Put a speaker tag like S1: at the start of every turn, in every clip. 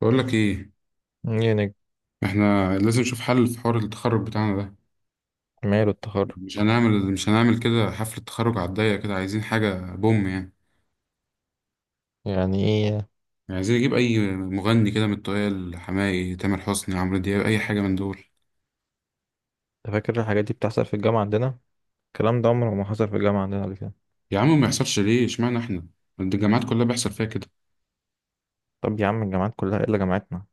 S1: بقول لك ايه.
S2: ايه يعني؟
S1: احنا لازم نشوف حل في حوار التخرج بتاعنا ده.
S2: ماله التخرج؟
S1: مش هنعمل كده حفلة تخرج على الضيق كده، عايزين حاجة بوم يعني
S2: يعني ايه؟
S1: يعني عايزين نجيب اي مغني كده من التقال، حماقي، تامر حسني، عمرو دياب، اي حاجة من دول.
S2: انت فاكر الحاجات دي بتحصل في الجامعة عندنا؟ الكلام ده عمره ما حصل في الجامعة عندنا قبل كده.
S1: يا عم، ما يحصلش ليه، اشمعنى احنا؟ ده الجامعات كلها بيحصل فيها كده.
S2: طب يا عم، الجامعات كلها الا جامعتنا.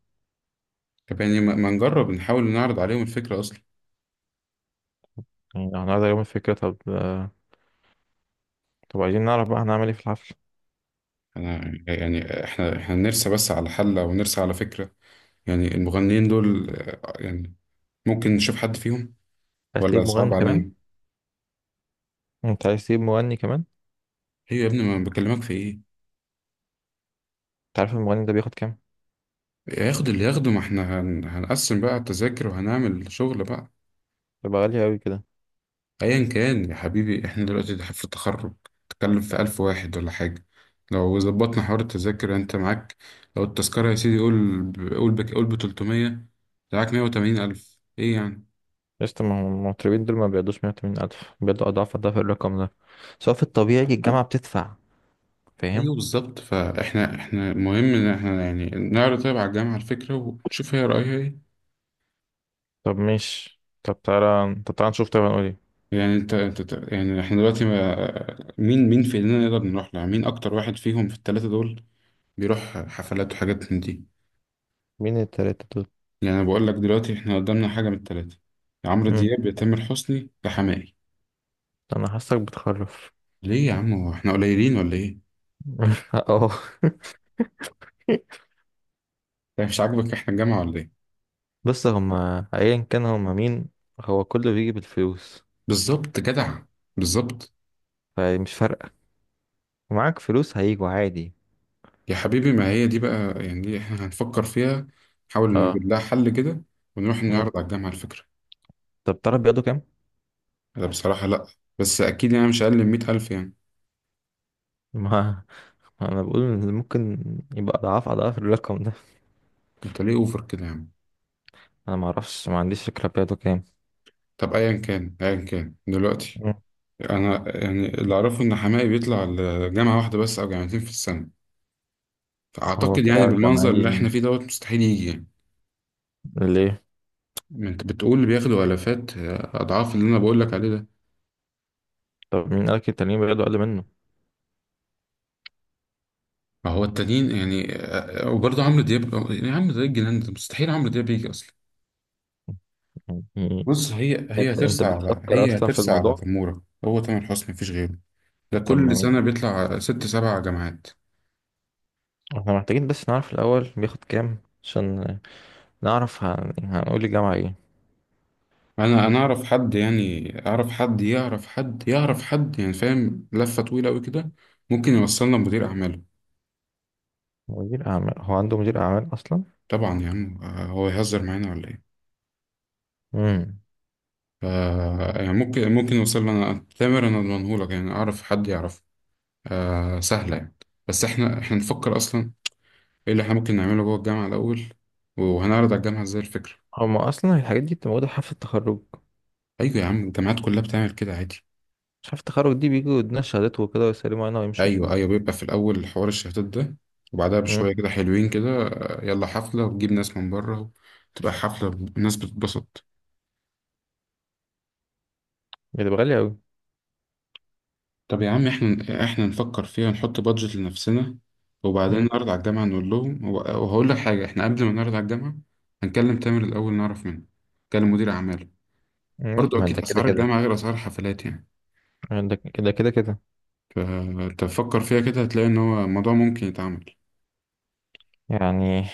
S1: طب يعني ما نجرب، نحاول نعرض عليهم الفكرة اصلا.
S2: يعني هنقعد يوم الفكرة، طب طب عايزين نعرف بقى هنعمل ايه في الحفل.
S1: انا يعني احنا نرسى بس على حل او نرسى على فكرة. يعني المغنيين دول يعني ممكن نشوف حد فيهم،
S2: عايز
S1: ولا
S2: تجيب
S1: صعب
S2: مغني كمان؟
S1: علينا؟
S2: انت عايز تجيب مغني كمان؟
S1: ايوه يا ابني، ما بكلمك في ايه.
S2: انت عارف المغني ده بياخد كام؟
S1: ياخد اللي ياخده، ما احنا هنقسم بقى التذاكر وهنعمل شغل بقى.
S2: بيبقى غالي قوي كده.
S1: ايا كان يا حبيبي، احنا دلوقتي ده في التخرج، تتكلم في 1000 واحد ولا حاجة. لو ظبطنا حوار التذاكر انت معاك، لو التذكرة يا سيدي، قول ب- قول بك قول ب300، معاك 180 ألف، ايه يعني؟
S2: لسه ما هم المطربين دول ما بيقعدوش 180 ألف، بيقعدوا أضعاف أضعاف الرقم ده، سواء في الطبيعي الجامعة بتدفع. فاهم؟
S1: ايوه بالظبط، فاحنا مهم ان احنا يعني نعرض طيب على الجامعة الفكرة، ونشوف هي رأيها ايه.
S2: طب ماشي، طب تعالى نشوف، طبعا نقول ايه؟
S1: يعني يعني احنا دلوقتي، ما مين في ايدينا، نقدر نروح لها مين اكتر واحد فيهم في الثلاثة دول، بيروح حفلات وحاجات من دي.
S2: مين التلاتة دول؟
S1: يعني أنا بقول لك دلوقتي، إحنا قدامنا حاجة من التلاتة: يا عمرو
S2: مم.
S1: دياب، يا تامر حسني، يا حماقي.
S2: أنا حاسك بتخرف.
S1: ليه يا عم، هو إحنا قليلين ولا إيه؟
S2: اه.
S1: يعني مش عاجبك إحنا الجامعة ولا إيه؟
S2: بس هما ايا كان، هما مين؟ هو كله بيجي بالفلوس،
S1: بالظبط جدع، بالظبط.
S2: فمش فارقة. ومعاك فلوس هيجوا عادي.
S1: يا حبيبي، ما هي دي بقى يعني، دي إحنا هنفكر فيها، نحاول
S2: اه.
S1: نوجد لها حل كده، ونروح
S2: مم.
S1: نعرض على الجامعة الفكرة.
S2: طب تعرف بياخدوا كام؟
S1: أنا بصراحة لأ، بس أكيد يعني مش أقل من 100 ألف يعني.
S2: ما ما انا بقول إن ممكن يبقى اضعاف اضعاف الرقم ده.
S1: أنت ليه أوفر كده يا عم؟
S2: انا ما اعرفش، ما عنديش فكرة بياخدوا كام.
S1: طب أيا كان دلوقتي،
S2: مم.
S1: انا يعني اللي اعرفه ان حماقي بيطلع لجامعه واحده بس او جامعتين في السنه،
S2: هو
S1: فاعتقد يعني
S2: طلع جمعي
S1: بالمنظر اللي
S2: ليه؟
S1: احنا فيه دوت مستحيل يجي يعني.
S2: ليه؟
S1: ما انت بتقول اللي بياخدوا الافات، اضعاف اللي انا بقول لك عليه ده.
S2: طب مين قالك التانيين بياخدوا اقل منه؟
S1: ما هو التانيين يعني، وبرضه عمرو دياب، يعني عمرو دياب الجنان ده، مستحيل عمرو دياب يجي اصلا.
S2: يعني
S1: بص، هي
S2: انت
S1: هي
S2: انت
S1: هترسى على
S2: بتفكر
S1: هي
S2: اصلا في
S1: هترسى على
S2: الموضوع؟
S1: تموره، هو تامر حسني مفيش غيره. ده
S2: طب ما
S1: كل سنه
S2: مين،
S1: بيطلع ست سبع جامعات.
S2: احنا محتاجين بس نعرف الاول بياخد كام، عشان نعرف هنقول الجامعة ايه.
S1: انا اعرف حد، يعني اعرف حد يعرف حد يعرف حد، يعني فاهم لفه طويله قوي كده، ممكن يوصلنا لمدير اعماله.
S2: مدير أعمال؟ هو عنده مدير أعمال أصلا؟
S1: طبعا يا عم، هو يهزر معانا ولا ايه.
S2: امم.
S1: ف، يعني ممكن يوصل لنا تامر، انا اضمنهولك، يعني اعرف حد يعرف. آه سهله يعني. بس احنا نفكر اصلا ايه اللي احنا ممكن نعمله جوه الجامعه الاول، وهنعرض على الجامعه ازاي الفكره.
S2: هما أصلا الحاجات دي بتبقى موجودة في حفلة التخرج؟
S1: ايوه يا عم، الجامعات كلها بتعمل كده عادي.
S2: مش حفلة التخرج دي بيجوا يدونا شهادات وكده ويسلموا علينا ويمشوا؟
S1: ايوه ايوه، بيبقى في الاول حوار الشهادات ده، وبعدها
S2: امم.
S1: بشويه كده حلوين كده، يلا حفله، وتجيب ناس من بره. تبقى حفله، الناس بتتبسط.
S2: بتبقى غالية أوي.
S1: طب يا عم، احنا نفكر فيها، نحط بادجت لنفسنا، وبعدين
S2: امم.
S1: نعرض على الجامعه، نقول لهم وهقول لك حاجه، احنا قبل ما نعرض على الجامعه هنكلم تامر الاول، نعرف منه، نكلم مدير اعماله. برضو
S2: ما
S1: اكيد
S2: ده كده
S1: اسعار
S2: كده،
S1: الجامعه غير اسعار الحفلات يعني.
S2: ده كده كده كده
S1: فتفكر فيها كده، هتلاقي ان هو الموضوع ممكن يتعمل.
S2: يعني.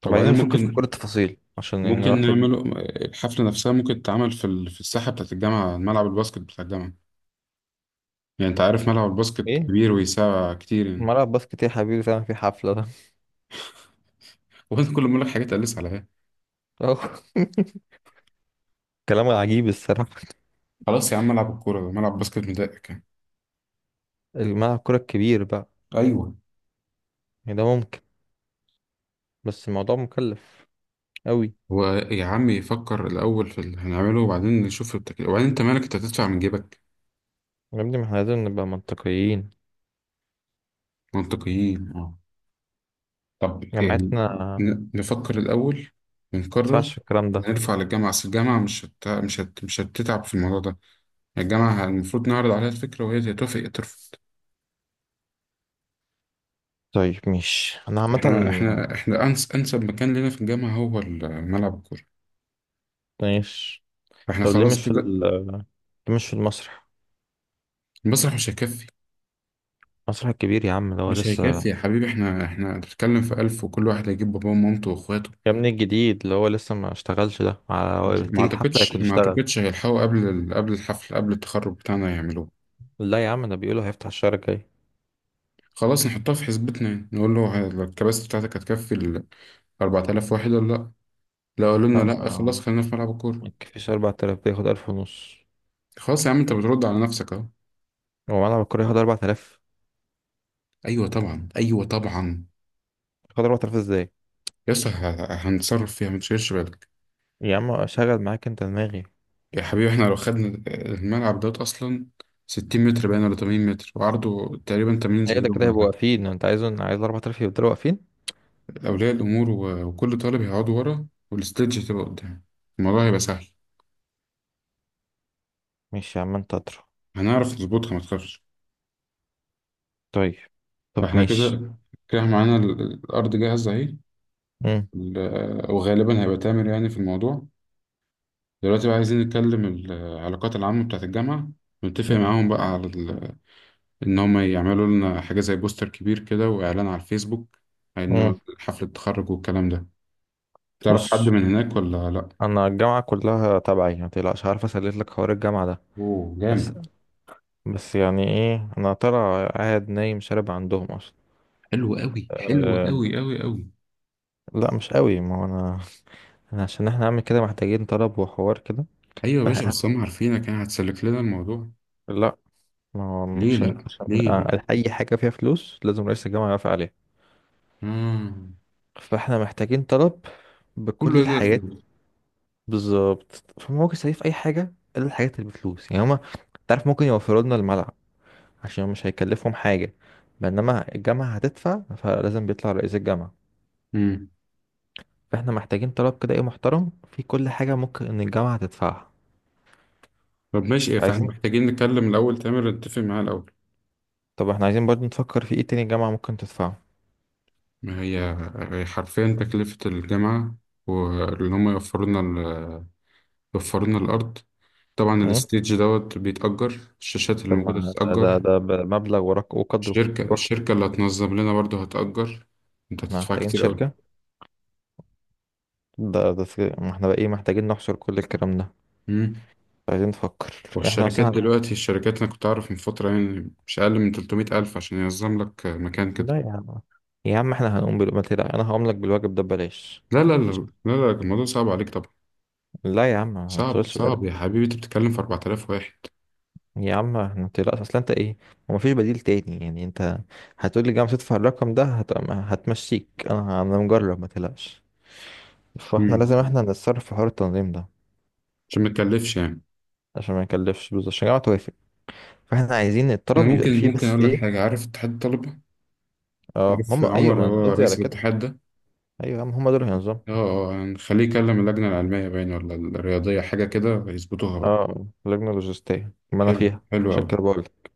S2: طب عايزين
S1: وبعدين
S2: نفكر في كل
S1: ممكن
S2: التفاصيل عشان
S1: ممكن
S2: نروح
S1: نعمله الحفلة نفسها، ممكن تتعمل في في الساحة بتاعة الجامعة، ملعب الباسكت بتاع الجامعة. يعني أنت عارف، ملعب الباسكت
S2: إيه؟
S1: كبير ويسع كتير يعني.
S2: ملعب باسكت إيه يا حبيبي؟ فعلا في حفلة ده؟
S1: وأنت كل ما أقول لك حاجات تقلس عليها.
S2: كلام عجيب الصراحة.
S1: خلاص يا عم، ملعب الكورة ده ملعب باسكت مضايقك يعني؟
S2: الملعب كرة الكبير بقى.
S1: ايوه.
S2: يعني ده ممكن، بس الموضوع مكلف أوي.
S1: هو يا عم، يفكر الأول في اللي هنعمله، وبعدين نشوف التكلفة، وبعدين أنت مالك، أنت هتدفع من جيبك؟
S2: يا ابني، ما احنا لازم نبقى منطقيين.
S1: منطقيين أه. طب يعني
S2: جامعتنا
S1: نفكر الأول ونقرر،
S2: ينفعش الكلام ده؟
S1: نرفع للجامعة، أصل الجامعة مش هتتعب في الموضوع ده. الجامعة المفروض نعرض عليها الفكرة، وهي يا توافق يا ترفض.
S2: طيب مش انا عامة.
S1: احنا أنسب مكان لنا في الجامعة هو ملعب الكورة،
S2: ماشي.
S1: فاحنا
S2: طب ليه
S1: خلاص
S2: مش في
S1: كده.
S2: ال ليه مش في المسرح؟
S1: المسرح مش هيكفي.
S2: المسرح الكبير يا عم، اللي هو
S1: مش هيكفي
S2: لسه،
S1: يا حبيبي، احنا بنتكلم في 1000، وكل واحد هيجيب باباه ومامته وإخواته.
S2: يا ابني الجديد، اللي هو لسه ما اشتغلش،
S1: ما
S2: تيجي الحفلة
S1: أعتقدش،
S2: يكون
S1: ما
S2: اشتغل.
S1: أعتقدش هيلحقوا قبل ال- قبل الحفل قبل التخرج بتاعنا يعملوه.
S2: لا يا عم، ده بيقولوا هيفتح الشهر الجاي.
S1: خلاص، نحطها في حسبتنا يعني. نقول له الكباسة بتاعتك هتكفي ال 4000 واحد ولا لأ؟ لو قالوا لنا لأ، خلاص
S2: فما
S1: خلينا في ملعب الكورة.
S2: ما تكفيش 4000؟ ده ياخد 1000 ونص.
S1: خلاص يا عم، أنت بترد على نفسك أهو.
S2: هو ملعب الكورة ياخد 4000؟
S1: ايوه طبعا، ايوه طبعا.
S2: ياخد 4000 ازاي؟
S1: هنتصرف فيها، متشيلش بالك.
S2: يا عم، شغل معاك انت دماغي.
S1: يا حبيبي، احنا لو خدنا الملعب دوت اصلا 60 متر باين، ولا 80 متر، وعرضه تقريبا 80
S2: هي ده
S1: زيهم
S2: كده
S1: ولا
S2: هيبقوا
S1: حاجة.
S2: واقفين؟ انت عايز 4000 يفضلوا واقفين؟
S1: اولياء الامور وكل طالب هيقعدوا ورا، والاستيدج هتبقى قدام. الموضوع هيبقى سهل،
S2: ماشي يا عم، انت اطرح.
S1: هنعرف نظبطها ما تخافش.
S2: طيب. طب
S1: فاحنا
S2: ماشي.
S1: كده كده، معانا الارض جاهزه اهي.
S2: مم.
S1: وغالبا هيبقى تامر يعني في الموضوع. دلوقتي بقى، عايزين نتكلم العلاقات العامه بتاعت الجامعه، ونتفق معاهم بقى على ان هم يعملوا لنا حاجة زي بوستر كبير كده، واعلان على الفيسبوك،
S2: مم.
S1: انه حفلة التخرج والكلام ده. تعرف
S2: بص،
S1: حد من هناك ولا لا؟
S2: انا الجامعه كلها تبعي، ما تقلقش، عارف اسلك لك حوار الجامعه ده.
S1: اوه
S2: بس
S1: جامد.
S2: بس يعني ايه، انا ترى قاعد نايم شارب عندهم اصلا.
S1: حلو قوي، حلو
S2: أه.
S1: قوي قوي قوي.
S2: لا مش قوي، ما هو انا، أنا عشان احنا نعمل كده محتاجين طلب وحوار كده.
S1: ايوه يا باشا،
S2: فاهم؟
S1: بس هم عارفينك يعني، هتسلك لنا الموضوع.
S2: لا. ما هو
S1: ليه
S2: عشان
S1: لا،
S2: عشان
S1: ليه ليه؟
S2: اي حاجه فيها فلوس لازم رئيس الجامعه يوافق عليها.
S1: اه،
S2: فاحنا محتاجين طلب بكل
S1: كله هنا
S2: الحاجات.
S1: الفلوس.
S2: بالظبط، فممكن يسوي في اي حاجه الا الحاجات اللي بفلوس، يعني هما، تعرف، ممكن يوفروا لنا الملعب، عشان مش هيكلفهم حاجة، بينما الجامعة هتدفع فلازم بيطلع رئيس الجامعة.
S1: امم
S2: فاحنا محتاجين طلب كده ايه، محترم، في كل حاجة ممكن ان الجامعة تدفعها.
S1: طب ماشي إيه، فاحنا
S2: عايزين،
S1: محتاجين نتكلم الاول تامر، نتفق معاه الاول.
S2: طب احنا عايزين برضو نفكر في ايه تاني الجامعة ممكن تدفعه.
S1: ما هي، هي حرفيا تكلفة الجامعة، واللي هم يوفروا لنا يوفروا لنا الارض. طبعا
S2: امم.
S1: الستيج دوت بيتأجر، الشاشات اللي
S2: طب ما
S1: موجودة
S2: ده ده
S1: بتتأجر،
S2: ده مبلغ ورق وقدره
S1: الشركة
S2: لوحده.
S1: الشركة اللي هتنظم لنا برضه هتأجر. انت
S2: احنا
S1: هتدفع
S2: محتاجين
S1: كتير أوي.
S2: شركة. ده ما احنا بقى ايه، محتاجين نحصر كل الكلام ده.
S1: مم.
S2: عايزين نفكر. احنا
S1: والشركات
S2: مثلا،
S1: دلوقتي الشركات أنا كنت أعرف من فترة يعني، مش أقل من 300 ألف عشان ينظم لك مكان كده.
S2: لا يا عم، يا عم احنا هنقوم بالواجب، انا هقوم لك بالواجب ده ببلاش.
S1: لا لا لا، لا لا، الموضوع صعب عليك طبعا.
S2: لا يا عم، ما
S1: صعب،
S2: تشغلش
S1: صعب
S2: بالك.
S1: يا حبيبي، أنت بتتكلم في 4000 واحد.
S2: يا عم ما تقلقش، اصل انت ايه، هو مفيش بديل تاني يعني؟ انت هتقول لي جامعة تدفع الرقم ده؟ هتمشيك، انا مجرب، ما تقلقش. فاحنا
S1: مم.
S2: لازم احنا نتصرف في حوار التنظيم ده
S1: عشان ما تكلفش يعني.
S2: عشان ما يكلفش، بالظبط عشان الجامعة توافق. فاحنا عايزين
S1: أنا
S2: الطلب يبقى
S1: ممكن
S2: فيه
S1: ممكن
S2: بس
S1: أقول لك
S2: ايه.
S1: حاجة، عارف اتحاد الطلبة؟
S2: اه
S1: عارف
S2: هم،
S1: عمر
S2: ايوه،
S1: اللي
S2: ما انا
S1: هو
S2: قصدي على
S1: رئيس
S2: كده.
S1: الاتحاد ده؟
S2: ايوه يا عم، هم دول هينظموا.
S1: اه، هنخليه يكلم اللجنة العلمية باين ولا الرياضية، حاجة كده يظبطوها بقى.
S2: اه، لجنة لوجستية، ما انا
S1: حلو،
S2: فيها.
S1: حلو
S2: عشان
S1: أوي.
S2: كده بقول لك.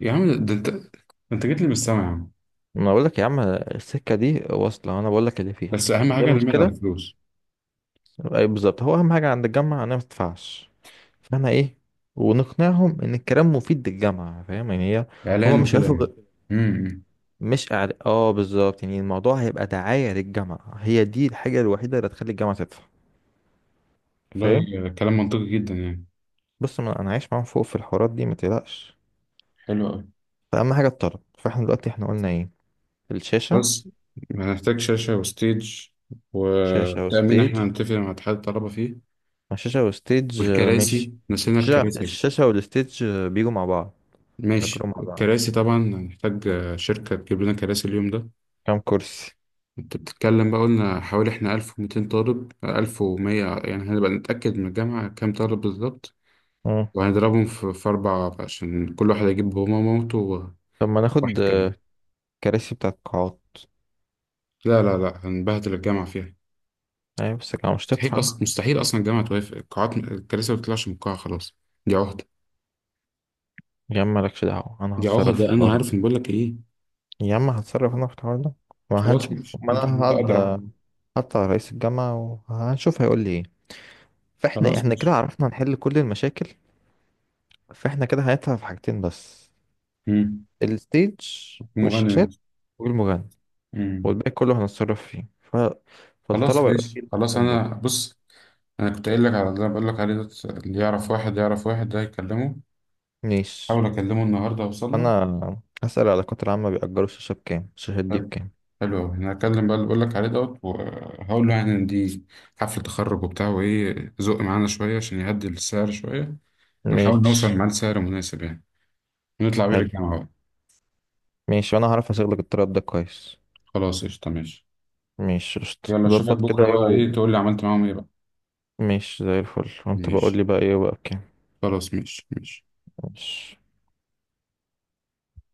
S1: يا عم ده، أنت ده، أنت جيت لي من السما يا عم.
S2: ما انا بقول لك يا عم، السكة دي واصلة، وانا بقول لك اللي فيها.
S1: بس أهم
S2: ايه
S1: حاجة اللي على
S2: المشكلة؟
S1: الفلوس.
S2: اي بالظبط، هو اهم حاجة عند الجامعة انا ما تدفعش. فاهمة ايه؟ ونقنعهم ان الكلام مفيد للجامعة، فاهم يعني، هي هما
S1: إعلان
S2: مش
S1: وكده
S2: هياخدوا.
S1: يعني. أمم،
S2: مش أعل... اه بالظبط، يعني الموضوع هيبقى دعاية للجامعة، هي دي الحاجة الوحيدة اللي هتخلي الجامعة تدفع. فاهم؟
S1: والله كلام منطقي جدا يعني.
S2: بص، ما انا عايش معاهم فوق في الحوارات دي، ما تقلقش.
S1: حلو أوي.
S2: فأهم حاجة الطلب. فاحنا دلوقتي احنا قلنا ايه؟ الشاشة.
S1: بس هنحتاج شاشة وستيج
S2: شاشة
S1: وتأمين، إحنا
S2: وستيج.
S1: هنتفق مع اتحاد الطلبة فيه.
S2: ما الشاشة وستيج مش،
S1: والكراسي، نسينا
S2: الشاشة
S1: الكراسي.
S2: الشاشة والستيج بيجوا مع بعض. تجربة
S1: ماشي
S2: مع بعض.
S1: الكراسي، طبعا هنحتاج شركة تجيب لنا كراسي اليوم ده.
S2: كام كرسي؟
S1: انت بتتكلم بقى، قلنا حوالي احنا 1200 طالب، 1100 يعني، هنبقى نتأكد من الجامعة كام طالب بالظبط.
S2: مم.
S1: وهنضربهم في، في أربعة، عشان كل واحد يجيب بابا ومامته وواحد
S2: طب ما ناخد
S1: كمان.
S2: كراسي بتاعت قاعات.
S1: لا لا لا، هنبهدل الجامعة فيها.
S2: يعني بس الجامعة مش
S1: مستحيل
S2: تدفع.
S1: أصلا، مستحيل أصلا الجامعة توافق، القاعات الكراسي ما بتطلعش من القاعة خلاص، دي عهدة.
S2: يا عم مالكش دعوة، أنا
S1: دي
S2: هتصرف في
S1: عهدة، أنا
S2: الحوار ده.
S1: عارف إن، بقول لك إيه.
S2: يا عم هتصرف أنا في الحوار ده،
S1: خلاص
S2: وهنشوف،
S1: ماشي،
S2: ما
S1: أنت
S2: أنا
S1: أنت
S2: هقعد
S1: أضرب.
S2: حتى على رئيس الجامعة وهنشوف هيقول لي إيه. فإحنا
S1: خلاص
S2: إحنا كده
S1: ماشي.
S2: عرفنا نحل كل المشاكل. فإحنا كده هندفع في حاجتين بس.
S1: مم.
S2: الستيج
S1: المغني
S2: والشاشات والمغني.
S1: نفسه.
S2: والباقي كله هنتصرف فيه
S1: خلاص
S2: فالطلبة يبقى
S1: ماشي،
S2: فيه
S1: خلاص
S2: الحاجتين دول.
S1: انا بص، انا كنت قايل لك على اللي أنا بقول لك عليه ده، اللي يعرف واحد يعرف واحد ده، يكلمه.
S2: ماشي.
S1: حاول اكلمه النهارده، اوصل له.
S2: أنا هسأل العلاقات العامة بيأجروا الشاشة بكام، الشاشات دي
S1: حلو،
S2: بكام.
S1: حلو أوي. انا هكلم بقى اللي بقول لك عليه دوت، وهقول له يعني ان دي حفله تخرج وبتاع وايه، زق معانا شويه عشان يهدي السعر شويه، ونحاول نوصل
S2: ماشي.
S1: معاه لسعر مناسب يعني، ونطلع بيه
S2: حلو.
S1: للجامعه بقى.
S2: ماشي، وأنا هعرف أشغلك الطلب ده كويس.
S1: خلاص قشطه، ماشي.
S2: مش قشطة،
S1: يلا اشوفك
S2: ظبط كده
S1: بكره
S2: ايه
S1: بقى، ايه تقول لي عملت معاهم ايه بقى.
S2: مش زي الفل. وانت بقول
S1: ماشي،
S2: لي بقى ايه بقى بكام.
S1: خلاص ماشي ماشي.
S2: مش